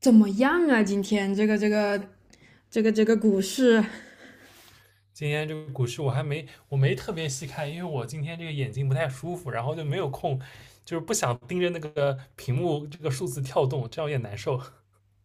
怎么样啊？今天这个股市，今天这个股市我没特别细看，因为我今天这个眼睛不太舒服，然后就没有空，就是不想盯着那个屏幕这个数字跳动，这样有点难受。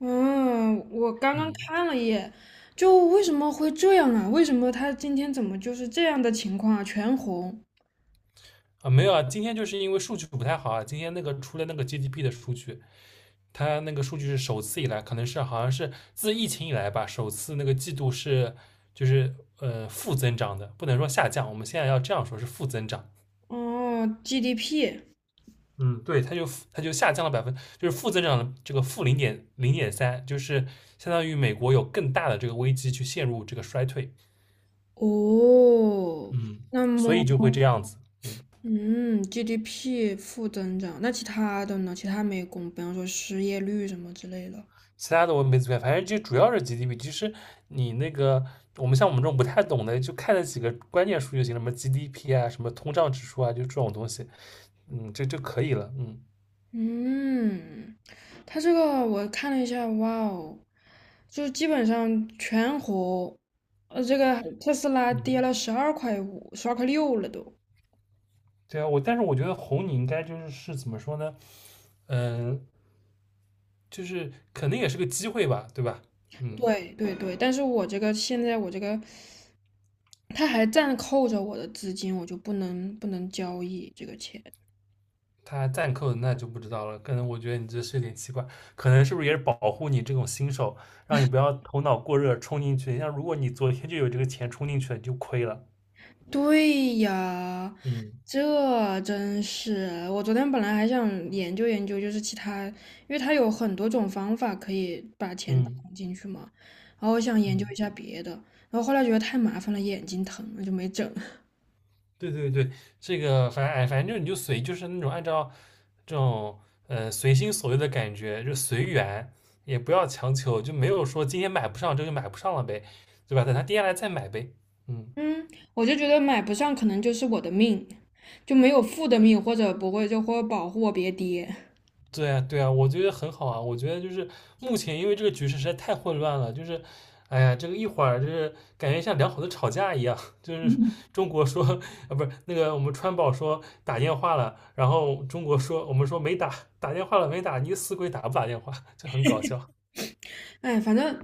嗯，我刚刚嗯看了一眼，就为什么会这样啊？为什么它今天怎么就是这样的情况啊？全红啊，没有啊，今天就是因为数据不太好啊，今天那个出了那个 GDP 的数据，它那个数据是首次以来，可能是好像是自疫情以来吧，首次那个季度是就是负增长的，不能说下降，我们现在要这样说是负增长，哦，GDP。 嗯，对，它就下降了百分，就是负增长的这个负零点三，就是相当于美国有更大的这个危机去陷入这个衰退，哦，嗯，那所以么就会这样子，嗯，嗯，GDP 负增长，那其他的呢？其他没公布，比方说失业率什么之类的。其他的我没怎么看，反正就主要是 GDP，其实你那个像我们这种不太懂的，就看了几个关键数就行了，什么 GDP 啊，什么通胀指数啊，就这种东西，嗯，这就可以了，嗯嗯，它这个我看了一下，哇哦，就基本上全红，这个特斯拉跌嗯，了12块5，12块6了都。对啊，但是我觉得红你应该就是怎么说呢，嗯，就是肯定也是个机会吧，对吧，嗯。对对对，但是我这个现在我这个，它还暂扣着我的资金，我就不能交易这个钱。他暂扣的那就不知道了，可能我觉得你这是有点奇怪，可能是不是也是保护你这种新手，让你不要头脑过热冲进去。像如果你昨天就有这个钱冲进去了，你就亏了。对呀，嗯这真是，我昨天本来还想研究研究，就是其他，因为它有很多种方法可以把钱嗯存进去嘛，然后我想研究嗯，一下别的，然后后来觉得太麻烦了，眼睛疼，我就没整。对对对，这个反正哎，反正就你就随，就是那种按照这种随心所欲的感觉，就随缘，也不要强求，就没有说今天买不上这个就买不上了呗，对吧？等它跌下来再买呗。嗯。嗯，我就觉得买不上，可能就是我的命。就没有负的命，或者不会就或保护我别跌。对啊，对啊，我觉得很好啊。我觉得就是目前因为这个局势实在太混乱了，就是，哎呀，这个一会儿就是感觉像两口子吵架一样，就是中国说啊，不是那个我们川宝说打电话了，然后中国说我们说没打，打电话了没打，你死鬼打不打电话，就很搞笑。哎，反正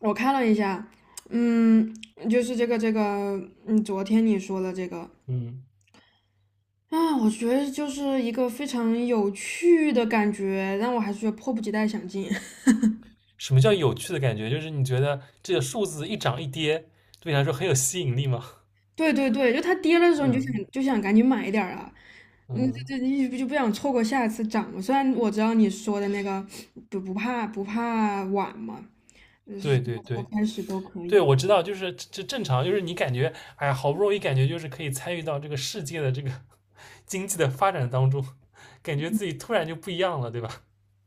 我看了一下，嗯，就是这个，嗯，昨天你说的这个嗯，啊，我觉得就是一个非常有趣的感觉，但我还是觉得迫不及待想进。什么叫有趣的感觉？就是你觉得这个数字一涨一跌，对你来说很有吸引力吗？对对对，就它跌了的时候，你就嗯想就想赶紧买一点儿啊。嗯，这嗯，这你就不想错过下一次涨嘛，虽然我知道你说的那个不怕晚嘛，从对对头对。开始都可对，以。我知道，就是这正常，就是你感觉，哎呀，好不容易感觉就是可以参与到这个世界的这个经济的发展当中，感觉自己突然就不一样了，对吧？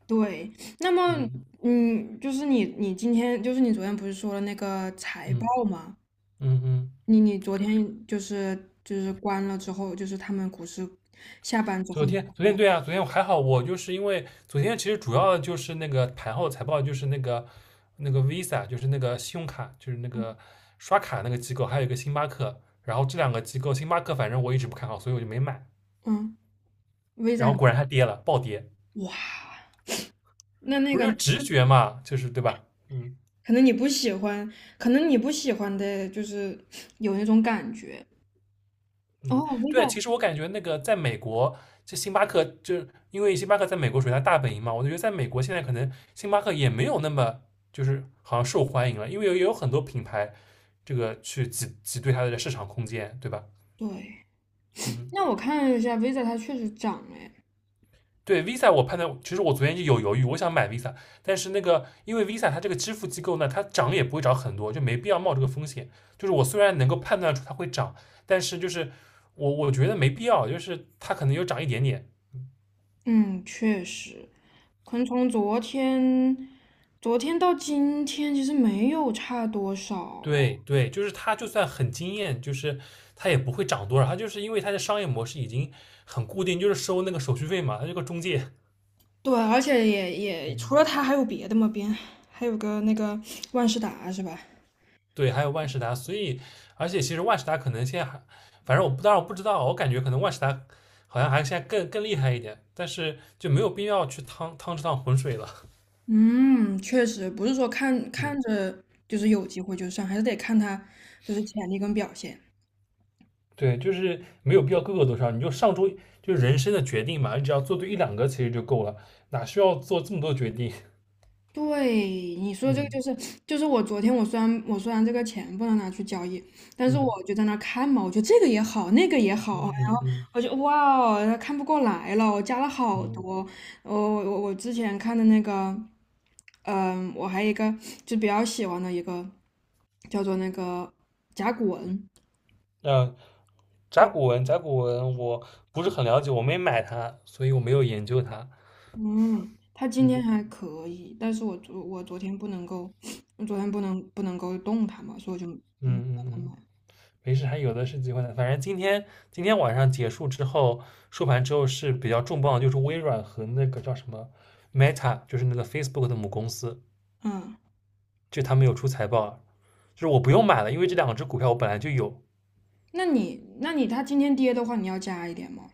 对，那么，嗯嗯，就是你，你今天，就是你昨天不是说了那个财嗯报吗？嗯嗯。你昨天关了之后，就是他们股市下班之昨后你天关昨了天吗？对啊，昨天我还好，我就是因为昨天其实主要就是那个盘后财报，就是那个Visa，就是那个信用卡，就是那个刷卡那个机构，还有一个星巴克，然后这两个机构，星巴克反正我一直不看好，所以我就没买，嗯， V I。 然后果然它跌了，暴跌，哇，那那不个是就直觉嘛，就是对吧？嗯。可能你不喜欢，可能你不喜欢的就是有那种感觉。嗯，哦， V I。 对，其实我感觉那个在美国，这星巴克就因为星巴克在美国属于它大本营嘛，我就觉得在美国现在可能星巴克也没有那么就是好像受欢迎了，因为也有很多品牌这个去挤兑它的市场空间，对吧？对，嗯，那我看了一下 V I， 它确实涨了诶，对，Visa 我判断，其实我昨天就有犹豫，我想买 Visa，但是那个因为 Visa 它这个支付机构呢，它涨也不会涨很多，就没必要冒这个风险。就是我虽然能够判断出它会涨，但是就是我觉得没必要，就是它可能有涨一点点。嗯，确实，可能从昨天。昨天到今天其实没有差多少，对对，就是他就算很惊艳，就是他也不会涨多少，他就是因为他的商业模式已经很固定，就是收那个手续费嘛，他这个中介，对，而且也除嗯，了它还有别的吗？边还有个那个万事达是吧？对，还有万事达，所以而且其实万事达可能现在还，反正我不当然我不知道，我感觉可能万事达好像还现在更厉害一点，但是就没有必要去趟趟这趟浑水了，嗯，确实不是说看嗯，看着就是有机会就上，还是得看它就是潜力跟表现。对，就是没有必要各个都上，你就上周就是人生的决定嘛，你只要做对一两个其实就够了，哪需要做这么多决定？对，你说这个就是就是我昨天我虽然我虽然这个钱不能拿去交易，但是我就在那儿看嘛，我觉得这个也好，那个也嗯好，嗯嗯嗯嗯。嗯嗯我就哇哦，看不过来了，我加了好嗯，多。我之前看的那个嗯，我还有一个就比较喜欢的一个叫做那个甲骨文，呃，对，甲骨文，我不是很了解，我没买它，所以我没有研究它。嗯，它今天嗯还可以，但是我昨天不能够，我昨天不能够动它嘛，所以我就嗯嗯嗯嗯，没事，还有的是机会的。反正今天晚上结束之后，收盘之后是比较重磅的就是微软和那个叫什么 Meta，就是那个 Facebook 的母公司，嗯。就他们有出财报了。就是我不用买了，因为这两只股票我本来就有，那你那你它今天跌的话，你要加一点吗？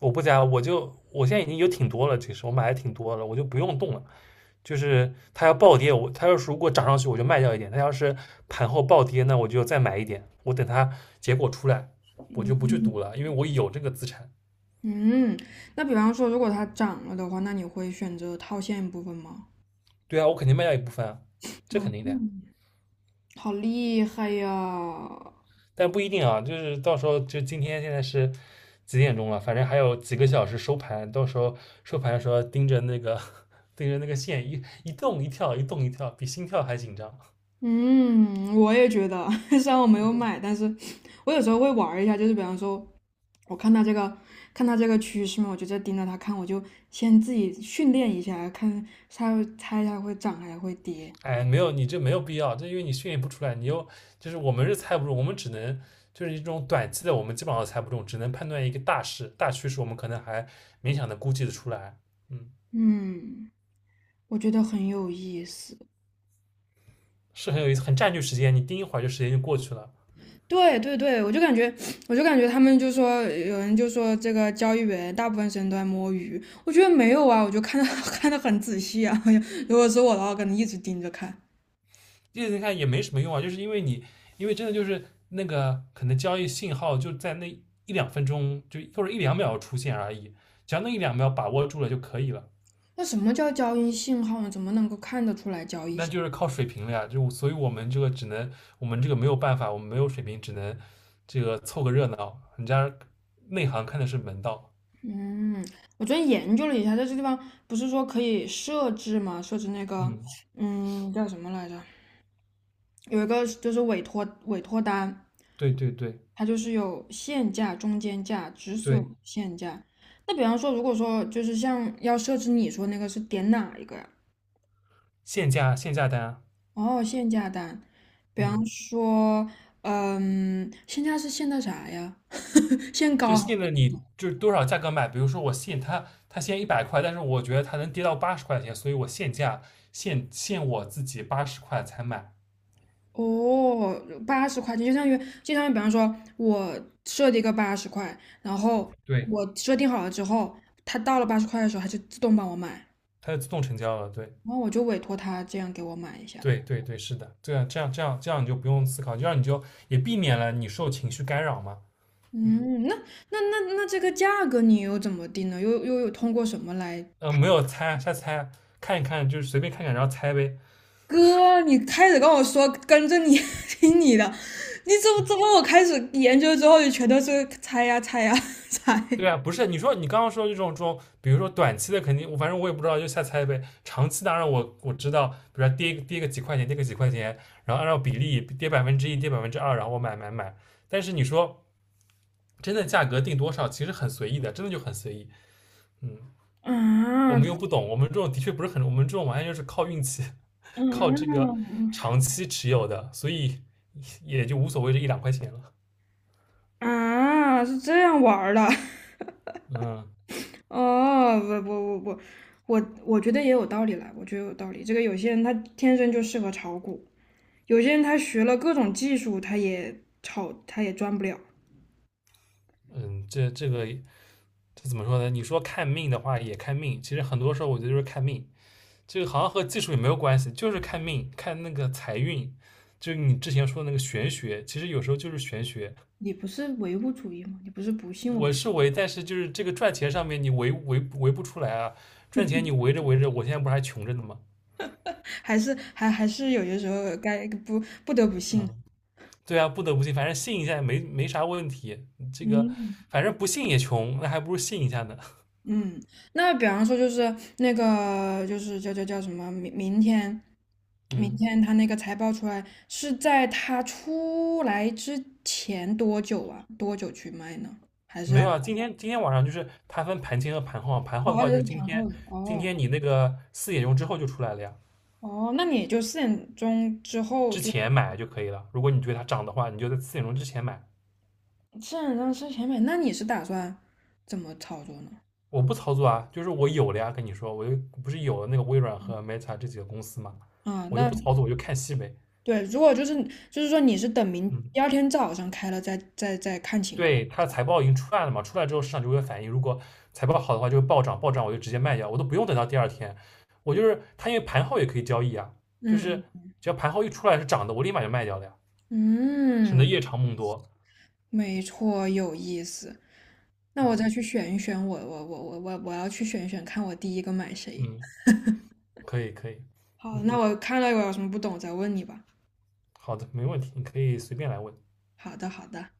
我不加，我现在已经有挺多了，其实我买的挺多了，我就不用动了。就是它要暴跌，它要是如果涨上去我就卖掉一点，它要是盘后暴跌那我就再买一点，我等它结果出来我就不去赌了，因为我有这个资产。嗯，那比方说如果它涨了的话，那你会选择套现部分吗？对啊，我肯定卖掉一部分啊，这嗯，肯定的呀。好厉害呀！但不一定啊，就是到时候就今天现在是几点钟了，反正还有几个小时收盘，到时候收盘的时候盯着那个 盯着那个线一一动一跳一动一跳，比心跳还紧张。嗯，我也觉得，虽然我没有买，但是我有时候会玩儿一下，就是比方说，我看它这个，看它这个趋势嘛，我就在盯着它看，我就先自己训练一下，看它猜它会涨还是会跌。哎，没有，你这没有必要，这因为你训练不出来，你又就是我们是猜不中，我们只能就是一种短期的，我们基本上都猜不中，只能判断一个大趋势，我们可能还勉强的估计的出来，嗯，嗯，我觉得很有意思。是很有意思，很占据时间，你盯一会儿就时间就过去了，对对对，我就感觉，我就感觉他们就说，有人就说这个交易员大部分时间都在摸鱼，我觉得没有啊，我就看的 看的很仔细啊，如果是我的话，我可能一直盯着看。你看也没什么用啊，就是因为因为真的就是那个可能交易信号就在那一两分钟就或者一两秒出现而已，只要那一两秒把握住了就可以了，那什么叫交易信号呢？怎么能够看得出来交易那信号。就是靠水平了呀。就所以我们这个只能，我们这个没有办法，我们没有水平，只能这个凑个热闹。人家内行看的是门道，嗯，我昨天研究了一下，在这地方不是说可以设置吗？设置那个，嗯，嗯，叫什么来着？有一个就是委托单，对对对它就是有限价、中间价、止损对，限价。那比方说，如果说就是像要设置你说那个是点哪一个呀？限价单啊，哦，限价单，比方嗯，说，嗯，限价是限的啥呀？限就高。现在你就是多少价格买。比如说我限它，它限一百块，但是我觉得它能跌到八十块钱，所以我限价限我自己八十块才买。哦，80块钱就相当于，就相当于，比方说，我设定一个八十块，然后对，我设定好了之后，它到了八十块的时候，它就自动帮我买，它就自动成交了，对。然后我就委托它这样给我买一下。对对对，是的，这样你就不用思考，这样你就也避免了你受情绪干扰嘛。嗯嗯，那这个价格你又怎么定呢？又有通过什么来？没有猜，瞎猜，看一看，就是随便看看，然后猜呗。哥，你开始跟我说跟着你 听你的，你怎么我开始研究之后就全都是猜呀猜呀 猜对啊，不是你刚刚说这种，比如说短期的肯定，我反正我也不知道，就瞎猜呗。长期当然我知道，比如说跌个几块钱，跌个几块钱，然后按照比例跌百分之一，跌百分之二，然后我买买买。但是你说真的价格定多少，其实很随意的，真的就很随意。嗯。啊。我啊！们又不懂，我们这种的确不是很，我们这种完全就是靠运气，靠这个嗯。长期持有的，所以也就无所谓这一两块钱了。啊，是这样玩儿的。嗯哦，不不不不，我觉得也有道理啦，我觉得有道理。这个有些人他天生就适合炒股，有些人他学了各种技术，他也炒他也赚不了。嗯，这怎么说呢？你说看命的话也看命，其实很多时候我觉得就是看命，这个好像和技术也没有关系，就是看命，看那个财运，就是你之前说的那个玄学，其实有时候就是玄学。你不是唯物主义吗？你不是不信我们，我是围，但是就是这个赚钱上面你围不出来啊，赚钱你围着围着，我现在不是还穷着呢吗？还是还是有些时候该不得不信。嗯。对啊，不得不信，反正信一下也没啥问题。这个嗯。反正不信也穷，那还不如信一下呢。嗯，那比方说就是那个就是叫什么？明明天，明嗯，天他那个财报出来是在他出来之前多久啊？多久去卖呢？还是没要，有啊，今天晚上就是它分盘前和盘后的哦，话就这是是盘后今哦。天你那个四点钟之后就出来了呀，哦，那你就四点钟之后之就前买就可以了。如果你觉得它涨的话，你就在四点钟之前买。四点钟之前买，那你是打算怎么操作呢？我不操作啊，就是我有了呀，跟你说，我又不是有了那个微软和 Meta 这几个公司嘛，啊，我就那不操作，我就看戏呗。对，如果就是就是说你是等明嗯，第二天早上开了再再看情况。对，它财报已经出来了嘛，出来之后市场就会反应，如果财报好的话就会暴涨，暴涨我就直接卖掉，我都不用等到第二天，我就是它因为盘后也可以交易啊，就嗯是只要盘后一出来是涨的，我立马就卖掉了呀，省得嗯，夜长梦多。没错，有意思。那我嗯再去选一选我，我要去选一选，看我第一个买谁。嗯，可以可以，好，嗯，那我看到我有什么不懂再问你吧。好的，没问题，你可以随便来问。好的，好的。